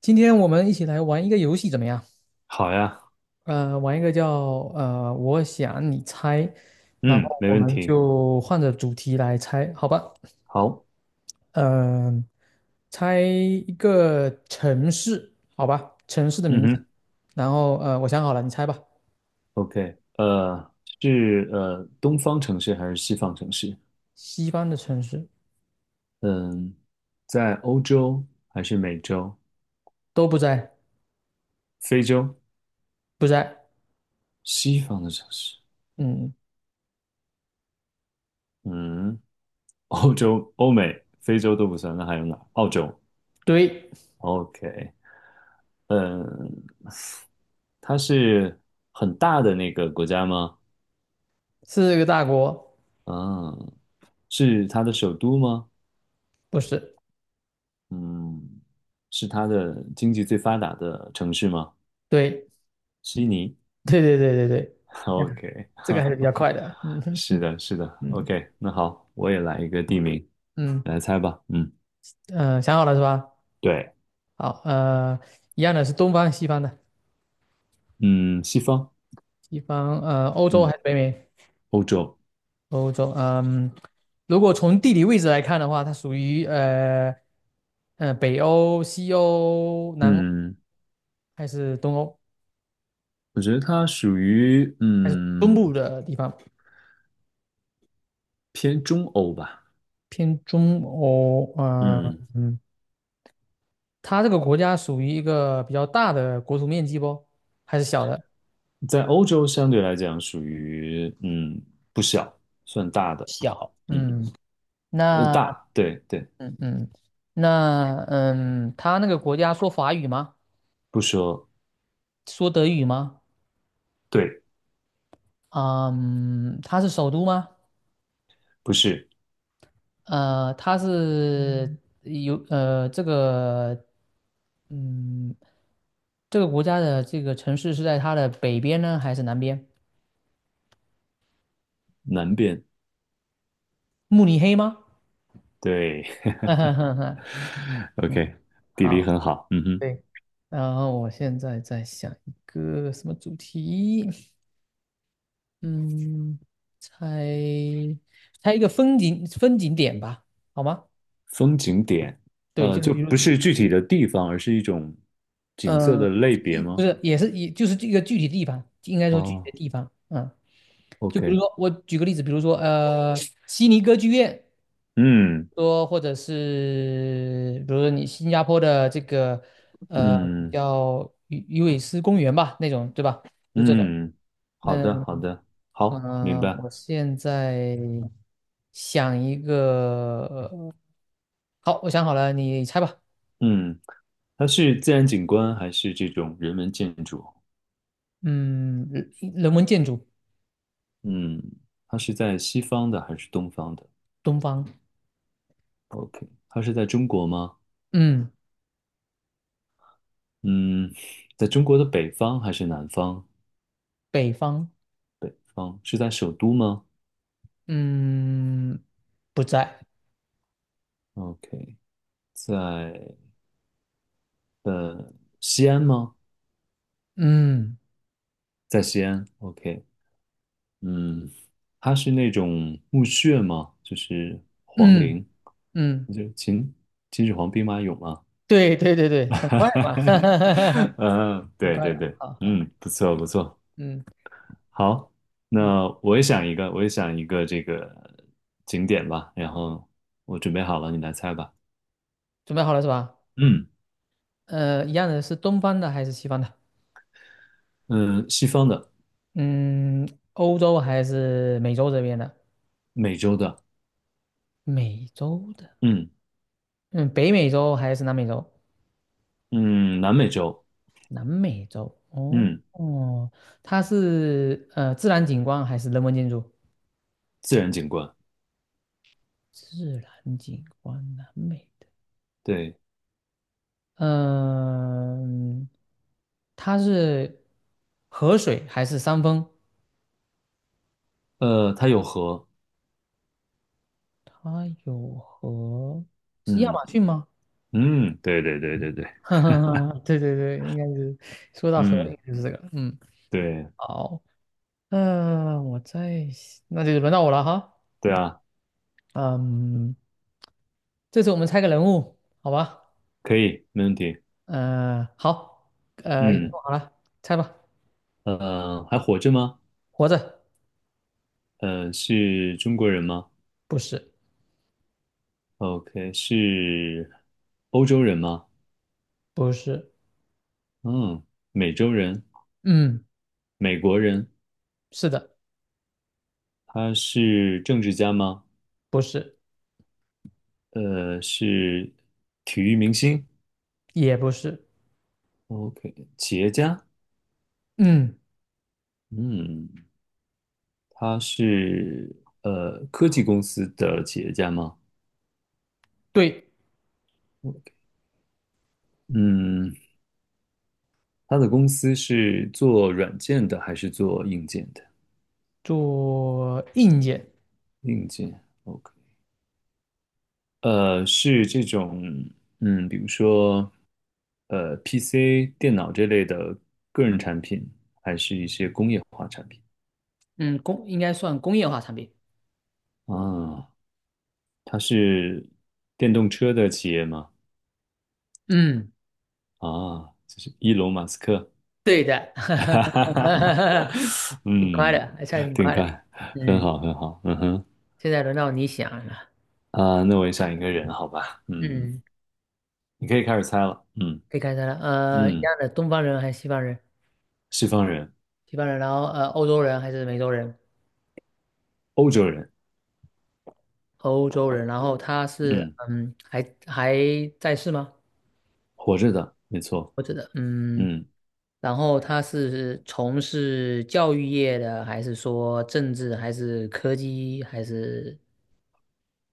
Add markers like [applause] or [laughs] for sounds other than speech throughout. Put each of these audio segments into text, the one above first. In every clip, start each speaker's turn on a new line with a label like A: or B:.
A: 今天我们一起来玩一个游戏怎么样？
B: 好呀，
A: 玩一个叫我想你猜，然后
B: 嗯，没
A: 我
B: 问
A: 们
B: 题。
A: 就换着主题来猜，好吧？
B: 好，
A: 嗯、猜一个城市，好吧？城市的
B: 嗯
A: 名字，
B: 哼
A: 然后我想好了，你猜吧。
B: ，OK，是东方城市还是西方城市？
A: 西方的城市
B: 嗯，在欧洲还是美洲、
A: 都不在，
B: 非洲？
A: 不在。
B: 西方的城市，
A: 嗯，
B: 嗯，[laughs] 欧洲、欧美、非洲都不算，那还有哪？澳洲
A: 对，
B: ，OK，嗯，它是很大的那个国家吗？
A: 是个大国，
B: 嗯，是它的首都吗？
A: 不是？
B: 嗯，是它的经济最发达的城市吗？
A: 对，
B: 悉尼
A: [laughs] 对对对对对，哎呀
B: ，OK，[laughs]
A: [laughs] 这
B: 哈，
A: 个还是比较
B: 哈，
A: 快的。嗯哼，
B: 是的，是的
A: 嗯
B: ，OK，那好，我也来一个地名，
A: 嗯，
B: 来猜吧，嗯，
A: 嗯，想好了是吧？
B: 对，
A: 好，一样的是东方、西方的，
B: 嗯，西方，
A: 西方，欧洲还
B: 嗯，
A: 是北美？
B: 欧洲，
A: 欧洲，嗯，如果从地理位置来看的话，它属于北欧、西欧、南欧
B: 嗯，
A: 还是东欧？
B: 我觉得它属于
A: 还是东部的地方，
B: 偏中欧吧，
A: 偏中欧，呃，
B: 嗯，
A: 嗯，它这个国家属于一个比较大的国土面积不？还是小的？
B: 在欧洲相对来讲属于不小，算大的，
A: 小，
B: 嗯，
A: 嗯，那，
B: 大，对对，
A: 嗯嗯，那，嗯，他那个国家说法语吗？
B: 不说
A: 说德语吗？
B: 对，
A: 嗯，它是首都吗？
B: 不是
A: 呃，它是有呃这个嗯这个国家的这个城市是在它的北边呢，还是南边？
B: 南边，
A: 慕尼黑吗？
B: 对
A: [laughs]
B: [laughs]
A: 嗯，
B: ，OK，地理
A: 好，
B: 很好，嗯哼。
A: 对。然后我现在在想一个什么主题？嗯，猜猜一个风景点吧，好吗？
B: 风景点，
A: 对，就是
B: 就
A: 比如
B: 不是具体的地方，而是一种景色的
A: 嗯，
B: 类别
A: 一不
B: 吗？
A: 是，也是也就是这个具体地方，应该说具体的
B: 哦
A: 地方，嗯，就比如
B: ，OK，
A: 说我举个例子，比如说悉尼歌剧院，
B: 嗯
A: 说或者是比如说你新加坡的这个呃
B: 嗯
A: 叫鱼尾狮公园吧，那种对吧？就这种。
B: 嗯，
A: 那
B: 好的好的，好，明
A: 嗯，
B: 白。
A: 我现在想一个，呃好，我想好了，你猜吧。
B: 嗯，它是自然景观还是这种人文建筑？
A: 嗯，人文建筑，
B: 嗯，它是在西方的还是东方的
A: 东方。
B: ？OK，它是在中国吗？
A: 嗯。
B: 嗯，在中国的北方还是南方？
A: 北方，
B: 北方是在首都吗
A: 嗯，不在，
B: ？OK，在呃西安吗？
A: 嗯
B: 在西安，OK，嗯，它是那种墓穴吗？就是皇
A: 嗯
B: 陵，
A: 嗯，
B: 就秦始皇兵马俑吗？
A: 对对对对，很快嘛，[laughs] 哈
B: [laughs]
A: 哈哈哈，
B: 嗯，
A: 挺
B: 对
A: 快
B: 对
A: 的，
B: 对，
A: 好好，
B: 嗯，不错不错，
A: 嗯，
B: 好，
A: 你
B: 那我也想一个，我也想一个这个景点吧，然后我准备好了，你来猜吧。
A: 准备好了是吧？
B: 嗯
A: 一样的是东方的还是西方的？
B: 嗯，西方的，
A: 嗯，欧洲还是美洲这边的？
B: 美洲的，
A: 美洲的，
B: 嗯
A: 嗯，北美洲还是南美洲？
B: 嗯，南美洲，
A: 南美洲，哦
B: 嗯，
A: 哦，它是自然景观还是人文建筑？
B: 自然景观，
A: 自然景观，南美。
B: 对，
A: 嗯，它是河水还是山峰？
B: 它有河，
A: 它有河，是亚
B: 嗯。
A: 马逊吗？
B: 嗯，对对对对对，
A: [laughs] 哈哈哈，对对对，应该是说到河，
B: 嗯，
A: 应该就是这个。嗯，
B: 对
A: 好，呃，我再，那就轮到我了哈。
B: 对啊，
A: 嗯，这次我们猜个人物，好吧？
B: 可以，没问题。
A: 好，已经
B: 嗯，
A: 做好了，猜吧。
B: 还活着吗？
A: 活着，
B: 是中国人吗
A: 不是，
B: ？OK，是欧洲人吗？
A: 不是，
B: 嗯，美洲人，
A: 嗯，
B: 美国人。
A: 是的，
B: 他是政治家吗？
A: 不是，
B: 是体育明星。
A: 也不是，
B: OK，企业家。
A: 嗯，
B: 嗯，他是科技公司的企业家吗？
A: 对。
B: 嗯。他的公司是做软件的还是做硬件的？
A: 做硬件，
B: 硬件，OK，是这种，嗯，比如说，PC、电脑这类的个人产品，还是一些工业化产品
A: 嗯，应该算工业化产品。
B: 啊？他是电动车的企业吗？
A: 嗯，
B: 啊，就是伊隆马斯克，
A: 对的，
B: [laughs] 哈哈哈哈，
A: [laughs] 挺快
B: 嗯，
A: 的，还算挺
B: 挺
A: 快的。
B: 快，很
A: 嗯，
B: 好，很好，嗯哼，
A: 现在轮到你想了。
B: 啊，那我也想一个人，好吧，嗯，
A: 嗯，
B: 你可以开始猜了，嗯
A: 可以开始了。一
B: 嗯。
A: 样的，东方人还是西方人？
B: 西方人、
A: 西方人，然后欧洲人还是美洲人？
B: 欧洲人，
A: 欧洲人，然后他是
B: 嗯，
A: 嗯，还在世吗？
B: 活着的，没错，
A: 我觉得嗯，
B: 嗯，
A: 然后他是从事教育业的，还是说政治，还是科技，还是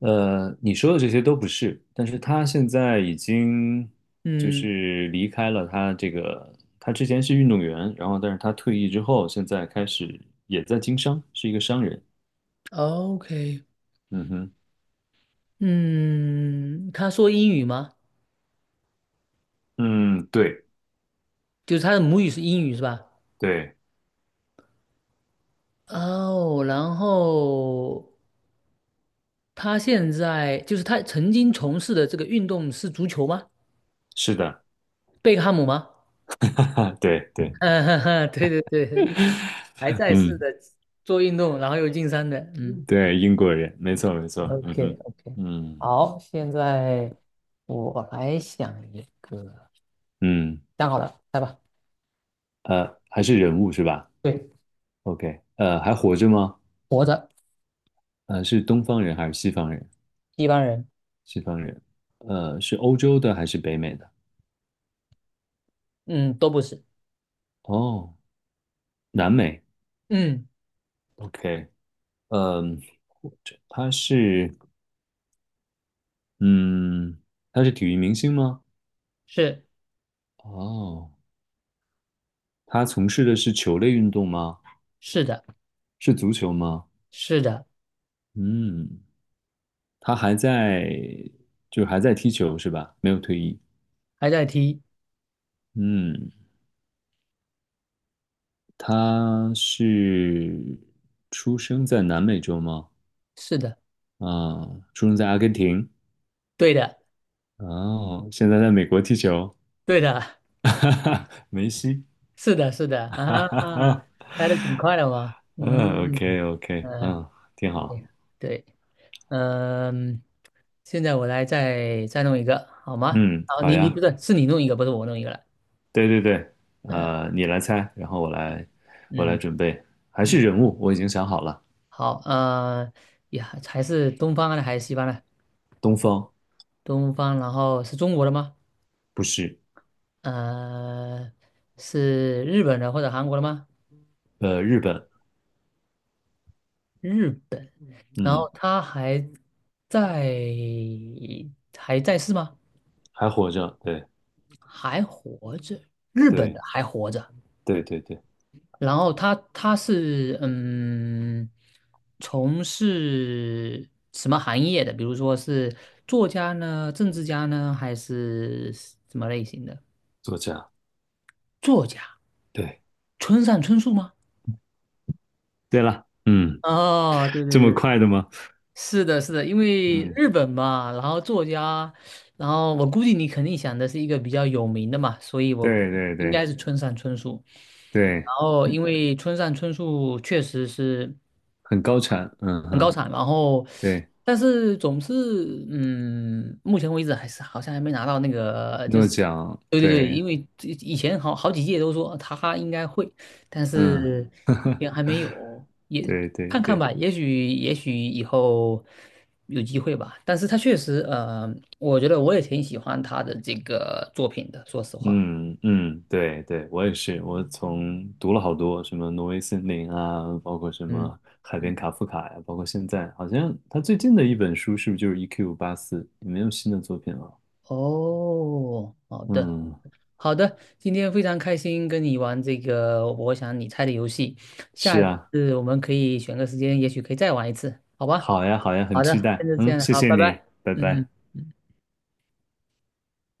B: 你说的这些都不是，但是他现在已经就
A: 嗯
B: 是离开了他这个，他之前是运动员，然后但是他退役之后，现在开始也在经商，是一个商人，
A: ，OK，
B: 嗯哼，
A: 嗯，他说英语吗？
B: 嗯，对
A: 就是他的母语是英语是吧？
B: 对，
A: 哦，然后他现在就是他曾经从事的这个运动是足球吗？
B: 是的，
A: 贝克汉姆吗？
B: [laughs] 哈，对对，
A: [laughs] 嗯，哈哈，对对对，因为还在世
B: 嗯，
A: 的做运动，然后又进山的，嗯
B: 对，英国人，没错没错，
A: o
B: 嗯
A: k
B: 哼，
A: o k
B: 嗯
A: 好，现在我来想一个，
B: 嗯，
A: 想好了，来吧。
B: 还是人物是吧
A: 对，
B: ？OK，还活着吗？
A: 活着，
B: 是东方人还是西方人？
A: 一般人，
B: 西方人，是欧洲的还是北美的？
A: 嗯，都不是，
B: 哦，南美。
A: 嗯。
B: OK，嗯，他是，嗯，他是体育明星吗？
A: 是
B: 哦，他从事的是球类运动吗？
A: 是的，
B: 是足球吗？
A: 是的，
B: 嗯，他还在，就是还在踢球是吧？没有退役。
A: 还在踢，
B: 嗯，他是出生在南美洲吗？
A: 是的，
B: 啊、出生在阿根廷。
A: 对的，
B: 哦，现在在美国踢球，
A: 对的，
B: [laughs] 哈哈，梅西，
A: 是的，是的，
B: [laughs] 哈
A: 啊，
B: 哈哈，
A: 拍的挺快的嘛，
B: 嗯
A: 嗯
B: ，OK OK，
A: 嗯，
B: 嗯，挺好，
A: 对对，嗯，现在我来再弄一个，好吗？
B: 嗯，
A: 好，
B: 好
A: 你你不
B: 呀，
A: 是是你弄一个，不是我弄一个了，
B: 对对对，
A: 嗯
B: 你来猜，然后我来，我来
A: 嗯
B: 准备，还
A: 嗯，
B: 是人物，我已经想好了，
A: 好，啊呀，还是东方的还是西方的？
B: 东方，
A: 东方，然后是中国的吗？
B: 不是，
A: 呃，是日本的或者韩国的吗？
B: 日本，
A: 日然
B: 嗯，
A: 后他还在，还在世吗？
B: 还活着，对
A: 还活着，日本的
B: 对
A: 还活着。
B: 对对对，
A: 然后他是嗯，从事什么行业的？比如说是作家呢，政治家呢，还是什么类型的？
B: 作家，
A: 作家，
B: 对
A: 村上春树吗？
B: 对了，嗯，
A: 哦，对对
B: 这么
A: 对
B: 快的吗？
A: 是的，是的，因为
B: 嗯，
A: 日本嘛，然后作家，然后我估计你肯定想的是一个比较有名的嘛，所以我
B: 对对
A: 应该
B: 对
A: 是村上春树。
B: 对，
A: 然后，因
B: 嗯
A: 为村上春树确实是。
B: 很高产，嗯
A: 很高
B: 哼，
A: 产，然后
B: 对，
A: 但是总是嗯，目前为止还是好像还没拿到那个，就
B: 诺
A: 是
B: 奖，
A: 对对对，
B: 对。
A: 因为这以前好几届都说他应该会，但
B: 嗯，
A: 是那边还没有，也
B: 对对
A: 看看
B: 对，
A: 吧，也许以后有机会吧。但是他确实我觉得我也挺喜欢他的这个作品的，说实话，
B: 嗯嗯，对对，我也是，我从读了好多什么《挪威森林》啊，包括什么
A: 嗯
B: 《海
A: 嗯，
B: 边卡夫卡》呀，包括现在好像他最近的一本书是不是就是《E.Q. 八四》？没有新的作品了。
A: 哦，好的。
B: 嗯，
A: 好的，今天非常开心跟你玩这个我想你猜的游戏，下
B: 是
A: 一
B: 啊，
A: 次我们可以选个时间，也许可以再玩一次，好吧？
B: 好呀好呀，
A: 好
B: 很期
A: 的，
B: 待。
A: 现在这
B: 嗯，
A: 样，
B: 谢
A: 好，
B: 谢
A: 拜
B: 你，
A: 拜。
B: 拜
A: 嗯嗯。
B: 拜。
A: 嗯